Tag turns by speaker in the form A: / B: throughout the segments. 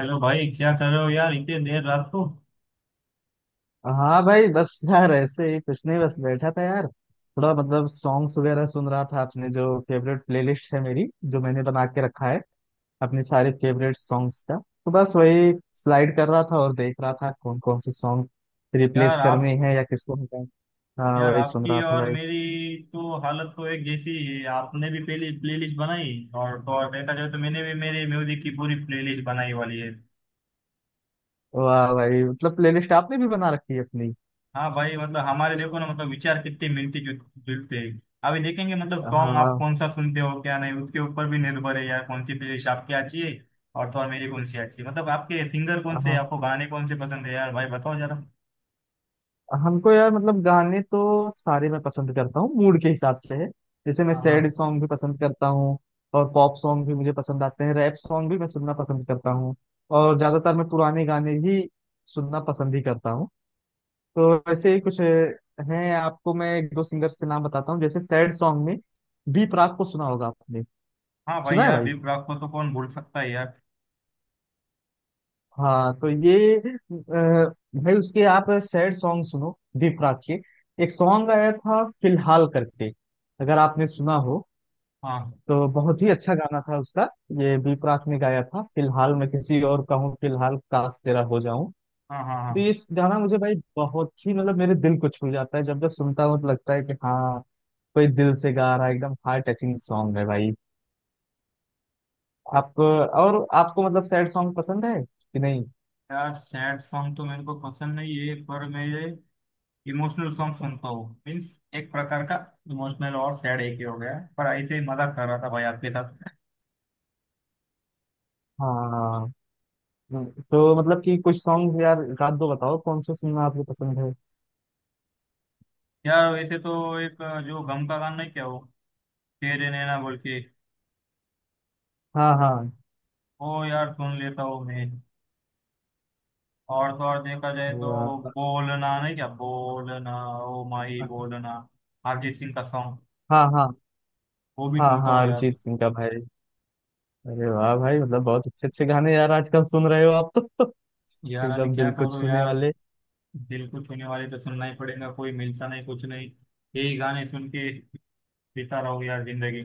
A: Hello भाई, क्या कर रहे हो यार इतने देर रात को।
B: हाँ भाई बस यार ऐसे ही कुछ नहीं बस बैठा था यार थोड़ा मतलब सॉन्ग्स वगैरह सुन रहा था अपने जो फेवरेट प्लेलिस्ट है मेरी जो मैंने बना के रखा है अपने सारे फेवरेट सॉन्ग्स का। तो बस वही स्लाइड कर रहा था और देख रहा था कौन कौन से सॉन्ग रिप्लेस
A: यार आप,
B: करने हैं या किसको हटाएं। हाँ
A: यार
B: वही सुन
A: आपकी
B: रहा था
A: और
B: भाई।
A: मेरी तो हालत तो एक जैसी ही है। आपने भी पहले प्लेलिस्ट बनाई और तो और देखा जाए तो मैंने भी मेरे म्यूजिक की पूरी प्लेलिस्ट बनाई वाली है।
B: वाह भाई मतलब प्लेलिस्ट आपने भी बना रखी है अपनी।
A: हाँ भाई, मतलब हमारे देखो ना मतलब विचार कितने मिलते जुलते हैं। अभी देखेंगे मतलब सॉन्ग आप
B: हाँ
A: कौन सा सुनते हो क्या नहीं, उसके ऊपर भी निर्भर है यार कौन सी प्लेलिस्ट आपकी अच्छी है और तो और मेरी कौन सी अच्छी है। मतलब आपके सिंगर कौन से हैं?
B: हाँ
A: आपको गाने कौन से पसंद है, यार भाई बताओ जरा।
B: हमको यार मतलब गाने तो सारे मैं पसंद करता हूँ मूड के हिसाब से है। जैसे मैं
A: हाँ
B: सैड
A: हाँ।
B: सॉन्ग भी पसंद करता हूँ और पॉप सॉन्ग भी मुझे पसंद आते हैं रैप सॉन्ग भी मैं सुनना पसंद करता हूँ। और ज्यादातर मैं पुराने गाने ही सुनना पसंद ही करता हूँ। तो वैसे ही कुछ हैं। आपको मैं एक दो सिंगर्स के नाम बताता हूँ जैसे सैड सॉन्ग में बी प्राक को सुना होगा आपने।
A: हाँ भाई,
B: सुना है
A: यार
B: भाई।
A: दीप राग को तो कौन भूल सकता है यार।
B: हाँ तो ये भाई उसके आप सैड सॉन्ग सुनो दीपराग के। एक सॉन्ग आया था फिलहाल करके अगर आपने सुना हो
A: हाँ
B: तो बहुत ही अच्छा गाना था उसका। ये दीपराग ने गाया था फिलहाल मैं किसी और का हूँ फिलहाल काश तेरा हो जाऊं।
A: हाँ। हाँ हाँ।
B: तो ये गाना मुझे भाई बहुत ही मतलब मेरे दिल को छू जाता है जब जब सुनता हूँ तो लगता है कि हाँ कोई दिल से गा रहा है एकदम हार्ट टचिंग सॉन्ग है भाई। आप और आपको मतलब सैड सॉन्ग पसंद है कि नहीं?
A: यार सैड सॉन्ग तो मेरे को पसंद नहीं है, पर मैं इमोशनल सॉन्ग सुनता हूँ। मीन्स एक प्रकार का इमोशनल और सैड एक ही हो गया है। पर ऐसे ही मजाक कर रहा था भाई आपके साथ।
B: हाँ हाँ, तो मतलब कि कुछ सॉन्ग यार रात दो बताओ कौन से सुनना आपको पसंद है।
A: यार वैसे तो एक, जो गम का गाना नहीं क्या वो, तेरे नैना बोल के,
B: हाँ हाँ।
A: वो यार सुन लेता हूँ मैं। और तो और देखा जाए
B: वाह।
A: तो बोलना नहीं क्या, बोलना ओ माही
B: हाँ
A: बोलना, अरिजीत सिंह का सॉन्ग,
B: हाँ
A: वो भी
B: हाँ।
A: सुनता
B: हाँ
A: हूँ यार।
B: अरिजीत सिंह का भाई। अरे वाह भाई मतलब बहुत अच्छे अच्छे गाने यार आजकल सुन रहे हो आप तो
A: यार अभी
B: एकदम
A: क्या
B: दिल को
A: करो
B: छूने
A: यार,
B: वाले।
A: दिल को छूने वाले तो सुनना ही पड़ेगा। कोई मिलता नहीं कुछ नहीं, यही गाने सुन के बीता रहो यार जिंदगी।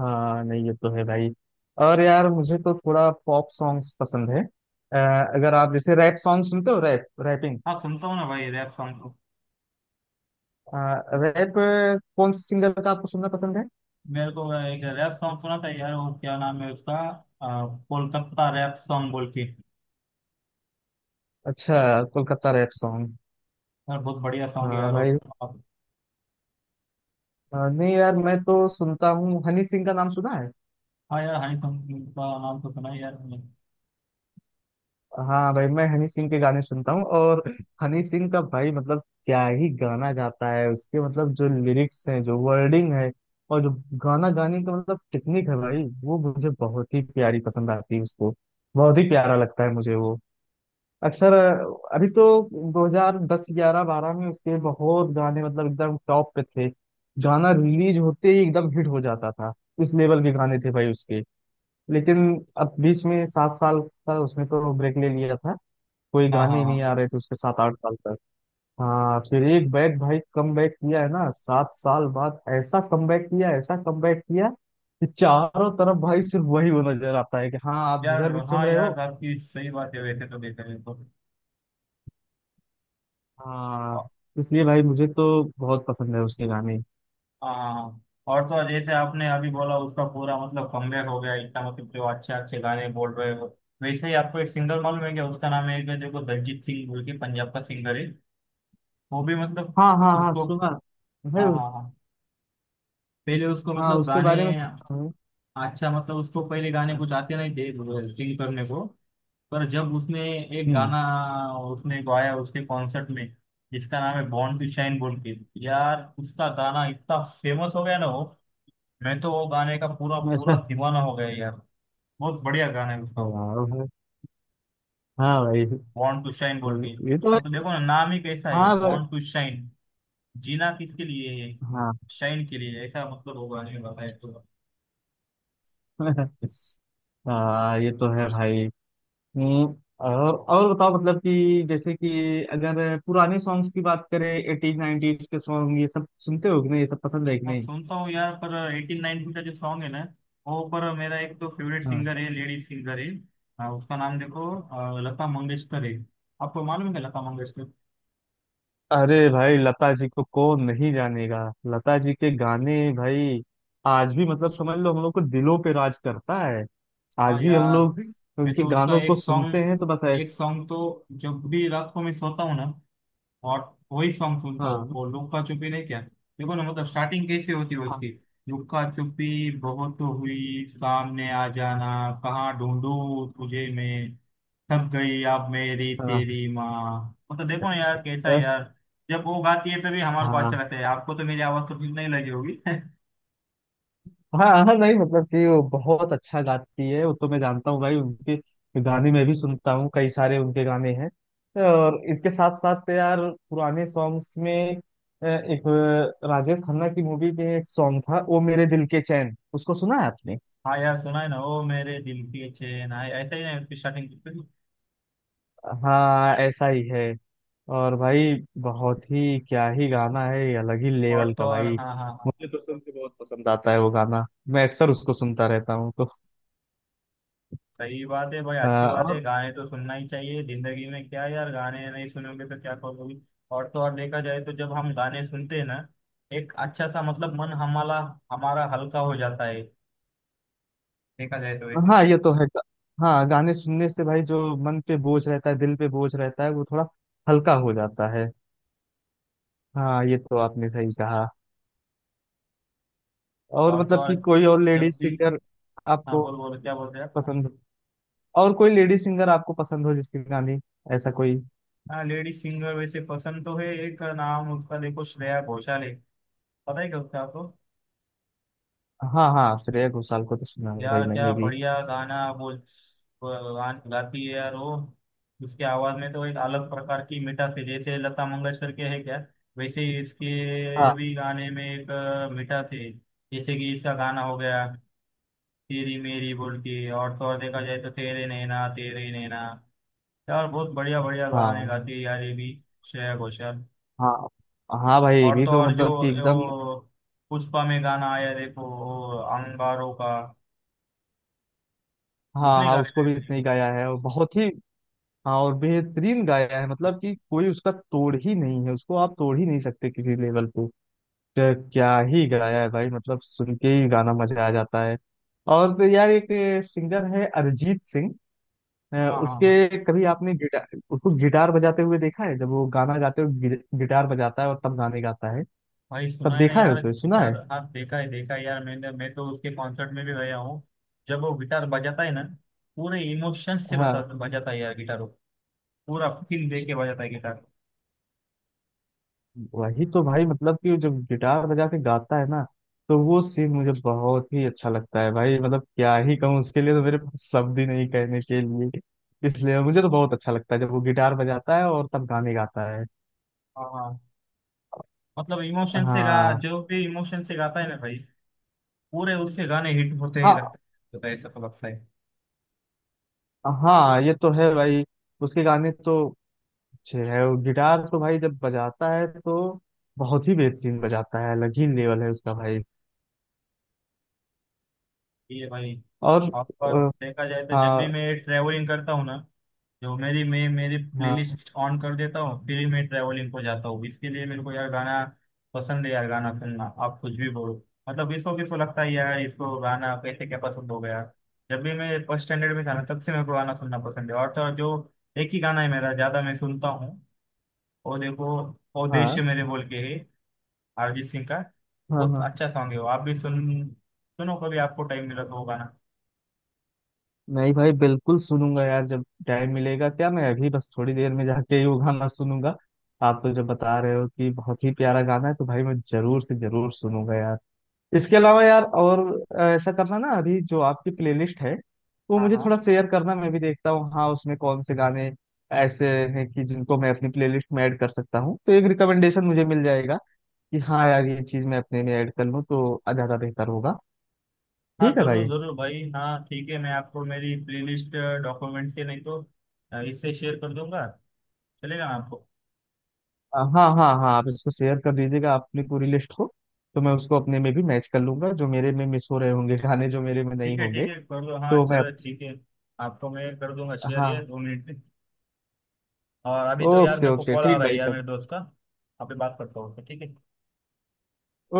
B: हाँ नहीं ये तो है भाई। और यार मुझे तो थोड़ा पॉप सॉन्ग्स पसंद है। अगर आप जैसे रैप सॉन्ग सुनते हो रैप रैपिंग
A: हाँ सुनता हूँ ना भाई, रैप सॉन्ग तो।
B: रैप कौन से सिंगर का आपको सुनना पसंद है?
A: मेरे को एक रैप सॉन्ग सुना था यार, वो क्या नाम है उसका, कोलकाता रैप सॉन्ग बोल के।
B: अच्छा कोलकाता रैप सॉन्ग।
A: यार बहुत बढ़िया सॉन्ग है
B: हाँ
A: यार वो।
B: भाई।
A: अब-
B: हाँ, नहीं यार मैं तो सुनता हूँ हनी सिंह का नाम सुना है।
A: हाँ यार, हनी सिंह का नाम तो सुना है यार मैंने।
B: हाँ भाई मैं हनी सिंह के गाने सुनता हूँ। और हनी सिंह का भाई मतलब क्या ही गाना गाता है उसके मतलब जो लिरिक्स हैं जो वर्डिंग है और जो गाना गाने का मतलब टेक्निक है भाई वो मुझे बहुत ही प्यारी पसंद आती है उसको। बहुत ही प्यारा लगता है मुझे वो। अक्सर अभी तो 2010 11 12 में उसके बहुत गाने मतलब एकदम टॉप पे थे। गाना रिलीज होते ही एकदम हिट हो जाता था। इस लेवल के गाने थे भाई उसके। लेकिन अब बीच में सात साल का उसने तो ब्रेक ले लिया था। कोई
A: हाँ
B: गाने
A: हाँ
B: ही नहीं
A: हाँ
B: आ रहे थे उसके सात आठ साल तक। हाँ फिर एक बैक भाई कम बैक किया है ना सात साल बाद ऐसा कम बैक किया, ऐसा कम बैक किया कि चारों तरफ भाई सिर्फ वही वो नजर आता है कि हाँ आप
A: यार।
B: जिधर भी
A: हाँ
B: सुन रहे हो।
A: यार आपकी सही बात है, वैसे तो देखा जाए तो।
B: हाँ इसलिए भाई मुझे तो बहुत पसंद है उसके गाने।
A: हाँ। और तो और जैसे आपने अभी बोला उसका पूरा मतलब कमबैक हो गया, इतना मतलब जो अच्छे अच्छे गाने बोल रहे हो। वैसे ही आपको एक सिंगर मालूम है क्या, उसका नाम है क्या देखो, दलजीत सिंह बोल के, पंजाब का सिंगर है। वो भी मतलब
B: हाँ हाँ हाँ
A: उसको।
B: सुना भाई।
A: हाँ हाँ हाँ। पहले उसको
B: हाँ
A: मतलब
B: उसके
A: गाने,
B: बारे में सुना हूँ।
A: अच्छा मतलब उसको पहले गाने कुछ आते नहीं थे सिंग करने को। पर जब उसने एक
B: हम्म।
A: गाना, उसने गाया उसके कॉन्सर्ट में जिसका नाम है बॉर्न टू शाइन बोल के, यार उसका गाना इतना फेमस हो गया ना वो। मैं तो वो गाने का पूरा पूरा
B: ऐसा।
A: दीवाना हो गया यार, बहुत बढ़िया गाना है उसका।
B: हाँ भाई। हाँ भाई।
A: बॉर्न टू शाइन बोल के,
B: ये तो भाई,
A: मतलब देखो ना नाम ही कैसा है,
B: हाँ भाई।
A: Born to shine. जीना किसके लिए है,
B: हाँ
A: शाइन के लिए, ऐसा मतलब वो गाने का है तो।
B: ये तो है भाई। हम्म, और बताओ मतलब कि जैसे कि अगर पुराने सॉन्ग्स की बात करें एटीज नाइनटीज के सॉन्ग ये सब सुनते हो कि नहीं, ये सब पसंद है कि
A: हाँ
B: नहीं?
A: सुनता हूँ यार, पर एटीन नाइनटीन का जो सॉन्ग है ना वो, पर मेरा एक तो फेवरेट
B: हाँ।
A: सिंगर है, लेडीज सिंगर है। हाँ, उसका नाम देखो, लता मंगेशकर है। आपको मालूम है लता मंगेशकर।
B: अरे भाई लता जी को कौन नहीं जानेगा। लता जी के गाने भाई आज भी मतलब समझ लो हम लोग को दिलों पे राज करता है। आज
A: हाँ
B: भी हम
A: यार।
B: लोग
A: मैं
B: उनके
A: तो उसका
B: गानों को
A: एक
B: सुनते
A: सॉन्ग,
B: हैं तो बस
A: एक
B: ऐसा।
A: सॉन्ग तो जब भी रात को मैं सोता हूँ ना, और वही सॉन्ग सुनता हूँ,
B: हाँ
A: वो लुक्का छुपी नहीं क्या। देखो ना मतलब स्टार्टिंग कैसे होती है
B: हाँ
A: उसकी। लुक्का छुपी बहुत हुई सामने आ जाना, कहाँ ढूंढूं तुझे मैं, थक गई अब मेरी
B: हाँ।
A: तेरी माँ। मतलब देखो ना यार कैसा है
B: बस,
A: यार। जब वो गाती है तभी हमारे को अच्छा
B: हाँ
A: लगता है, आपको तो मेरी आवाज तो ठीक नहीं लगी होगी।
B: हाँ हाँ। हाँ, नहीं मतलब कि वो बहुत अच्छा गाती है वो तो मैं जानता हूँ भाई। उनके गाने मैं भी सुनता हूँ कई सारे उनके गाने हैं। और इसके साथ साथ यार पुराने सॉन्ग्स में एक राजेश खन्ना की मूवी में एक सॉन्ग था ओ मेरे दिल के चैन, उसको सुना है आपने?
A: हाँ यार सुना है ना, ओ मेरे दिल की चैन, हाँ ऐसा ही ना उसकी स्टार्टिंग।
B: हाँ ऐसा ही है। और भाई बहुत ही क्या ही गाना है ये अलग ही
A: और
B: लेवल
A: तो
B: का
A: और,
B: भाई।
A: हाँ हाँ हाँ।
B: मुझे तो सुन के बहुत पसंद आता है वो गाना। मैं अक्सर उसको सुनता रहता हूँ तो
A: सही बात है भाई, अच्छी बात है,
B: और
A: गाने तो सुनना ही चाहिए जिंदगी में, क्या यार गाने नहीं सुनोगे तो क्या करोगे। और तो और देखा जाए तो जब हम गाने सुनते हैं ना, एक अच्छा सा मतलब मन हमारा हमारा हल्का हो जाता है, देखा जाए तो वैसे।
B: हाँ ये तो है हाँ गाने सुनने से भाई जो मन पे बोझ रहता है दिल पे बोझ रहता है वो थोड़ा हल्का हो जाता है। हाँ ये तो आपने सही कहा। और
A: और तो
B: मतलब
A: और
B: कि कोई और
A: जब
B: लेडीज
A: भी,
B: सिंगर
A: हाँ
B: आपको
A: बोल बोल क्या बोलते हैं आप?
B: पसंद हो, और कोई लेडीज सिंगर आपको पसंद हो जिसकी गाने ऐसा कोई।
A: हाँ लेडी सिंगर वैसे पसंद तो है, एक नाम उसका देखो श्रेया घोषाल है, पता है क्या उसका आपको।
B: हाँ हाँ श्रेया घोषाल को तो सुना है भाई
A: यार क्या
B: मैंने भी।
A: बढ़िया गाना बोल गान गाती है यार वो। उसकी आवाज में तो एक अलग प्रकार की मिठास है, जैसे लता मंगेशकर के है क्या, वैसे ही इसके
B: हाँ
A: भी गाने में एक मिठास है। जैसे कि इसका गाना हो गया तेरी मेरी बोल के, और तो और देखा जाए तो तेरे नैना तेरे नैना। यार बहुत बढ़िया बढ़िया गाने
B: हाँ
A: गाती है यार ये भी, श्रेया घोषाल।
B: हाँ। हाँ भाई ये
A: और
B: भी
A: तो
B: तो
A: और जो
B: मतलब कि एकदम।
A: वो, पुष्पा में गाना आया देखो वो अंगारों का,
B: हाँ
A: उसने
B: हाँ
A: गाने
B: उसको
A: गाए
B: भी
A: थे।
B: इसने ही गाया है और बहुत ही। हाँ और बेहतरीन गाया है मतलब कि कोई उसका तोड़ ही नहीं है उसको आप तोड़ ही नहीं सकते किसी लेवल पे। क्या क्या ही गाया है भाई मतलब सुन के ही गाना मजा आ जाता है। और तो यार एक सिंगर है अरिजीत सिंह। अ,
A: हाँ हाँ।
B: उसके कभी आपने गिटार उसको गिटार बजाते हुए देखा है जब वो गाना गाते हुए गिटार बजाता है और तब गाने गाता है?
A: भाई सुना
B: तब
A: है ना
B: देखा है
A: यार
B: उसे सुना है।
A: गिटार, हाँ देखा है यार मैंने, मैं तो उसके कॉन्सर्ट में भी गया हूँ। जब वो गिटार बजाता है ना, पूरे इमोशंस से बता
B: हाँ
A: बजाता है यार गिटार वो, पूरा फील दे के बजाता है गिटार।
B: वही तो भाई मतलब कि वो जब गिटार बजा के गाता है ना तो वो सीन मुझे बहुत ही अच्छा लगता है भाई मतलब क्या ही कहूँ उसके लिए तो मेरे पास शब्द ही नहीं कहने के लिए। इसलिए मुझे तो बहुत अच्छा लगता है जब वो गिटार बजाता है और तब गाने गाता है।
A: हाँ हाँ। मतलब इमोशन से गा,
B: हाँ
A: जो भी इमोशन से गाता है ना भाई पूरे, उसके गाने हिट होते ही
B: हाँ
A: लगता है, तो ऐसा तो लगता है।
B: हाँ ये तो है भाई। उसके गाने तो अच्छे है और गिटार तो भाई जब बजाता है तो बहुत ही बेहतरीन बजाता है अलग ही लेवल है उसका भाई।
A: ये भाई
B: और
A: आपका,
B: अ,
A: देखा जाए तो जब भी
B: हाँ
A: मैं ट्रेवलिंग करता हूँ ना, जो मेरी मैं मेरी
B: हाँ
A: प्लेलिस्ट ऑन कर देता हूँ फिर ही मैं ट्रैवलिंग को जाता हूँ, इसके लिए मेरे को यार गाना पसंद है यार, गाना सुनना। आप कुछ भी बोलो, मतलब इसको किसको लगता है यार इसको गाना कैसे क्या पसंद हो गया। जब भी मैं फर्स्ट स्टैंडर्ड में था ना तब से मेरे को गाना सुनना पसंद है। और तो और जो एक ही गाना है मेरा ज्यादा मैं सुनता हूँ, वो देखो, ओ देश
B: हाँ
A: मेरे बोल के है, अरिजीत सिंह का।
B: हाँ।
A: बहुत
B: हाँ
A: अच्छा सॉन्ग है वो, आप भी सुनो कभी, आपको टाइम मिला तो वो गाना।
B: नहीं भाई बिल्कुल सुनूंगा यार जब टाइम मिलेगा क्या मैं अभी बस थोड़ी देर में जाके ही वो गाना सुनूंगा। आप तो जब बता रहे हो कि बहुत ही प्यारा गाना है तो भाई मैं जरूर से जरूर सुनूंगा यार। इसके अलावा यार और ऐसा करना ना अभी जो आपकी प्लेलिस्ट है वो
A: हाँ
B: मुझे
A: हाँ।
B: थोड़ा शेयर करना मैं भी देखता हूँ हाँ उसमें कौन से गाने ऐसे हैं कि जिनको मैं अपनी प्लेलिस्ट में ऐड कर सकता हूँ तो एक रिकमेंडेशन मुझे मिल जाएगा कि हाँ यार ये चीज मैं अपने में ऐड कर लूँ तो ज्यादा बेहतर होगा।
A: हाँ
B: ठीक है
A: जरूर
B: भाई।
A: जरूर भाई, हाँ ठीक है, मैं आपको मेरी प्लेलिस्ट डॉक्यूमेंट से नहीं तो इससे शेयर कर दूंगा, चलेगा ना आपको।
B: हाँ हाँ हाँ आप इसको शेयर कर दीजिएगा अपनी पूरी लिस्ट को तो मैं उसको अपने में भी मैच कर लूंगा जो मेरे में मिस हो रहे होंगे गाने जो मेरे में नहीं
A: ठीक है ठीक
B: होंगे
A: है, कर दो हाँ
B: तो मैं।
A: चलो, ठीक है। आपको मैं कर दूंगा शेयर यार,
B: हाँ
A: 2 मिनट में। और अभी तो यार
B: ओके
A: मेरे को
B: ओके
A: कॉल आ
B: ठीक
A: रहा है
B: भाई
A: यार मेरे
B: कब।
A: दोस्त का, आप ही बात करता हूँ ठीक है।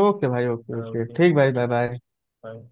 B: ओके भाई ओके ओके
A: ओके,
B: ठीक भाई बाय बाय।
A: बाय।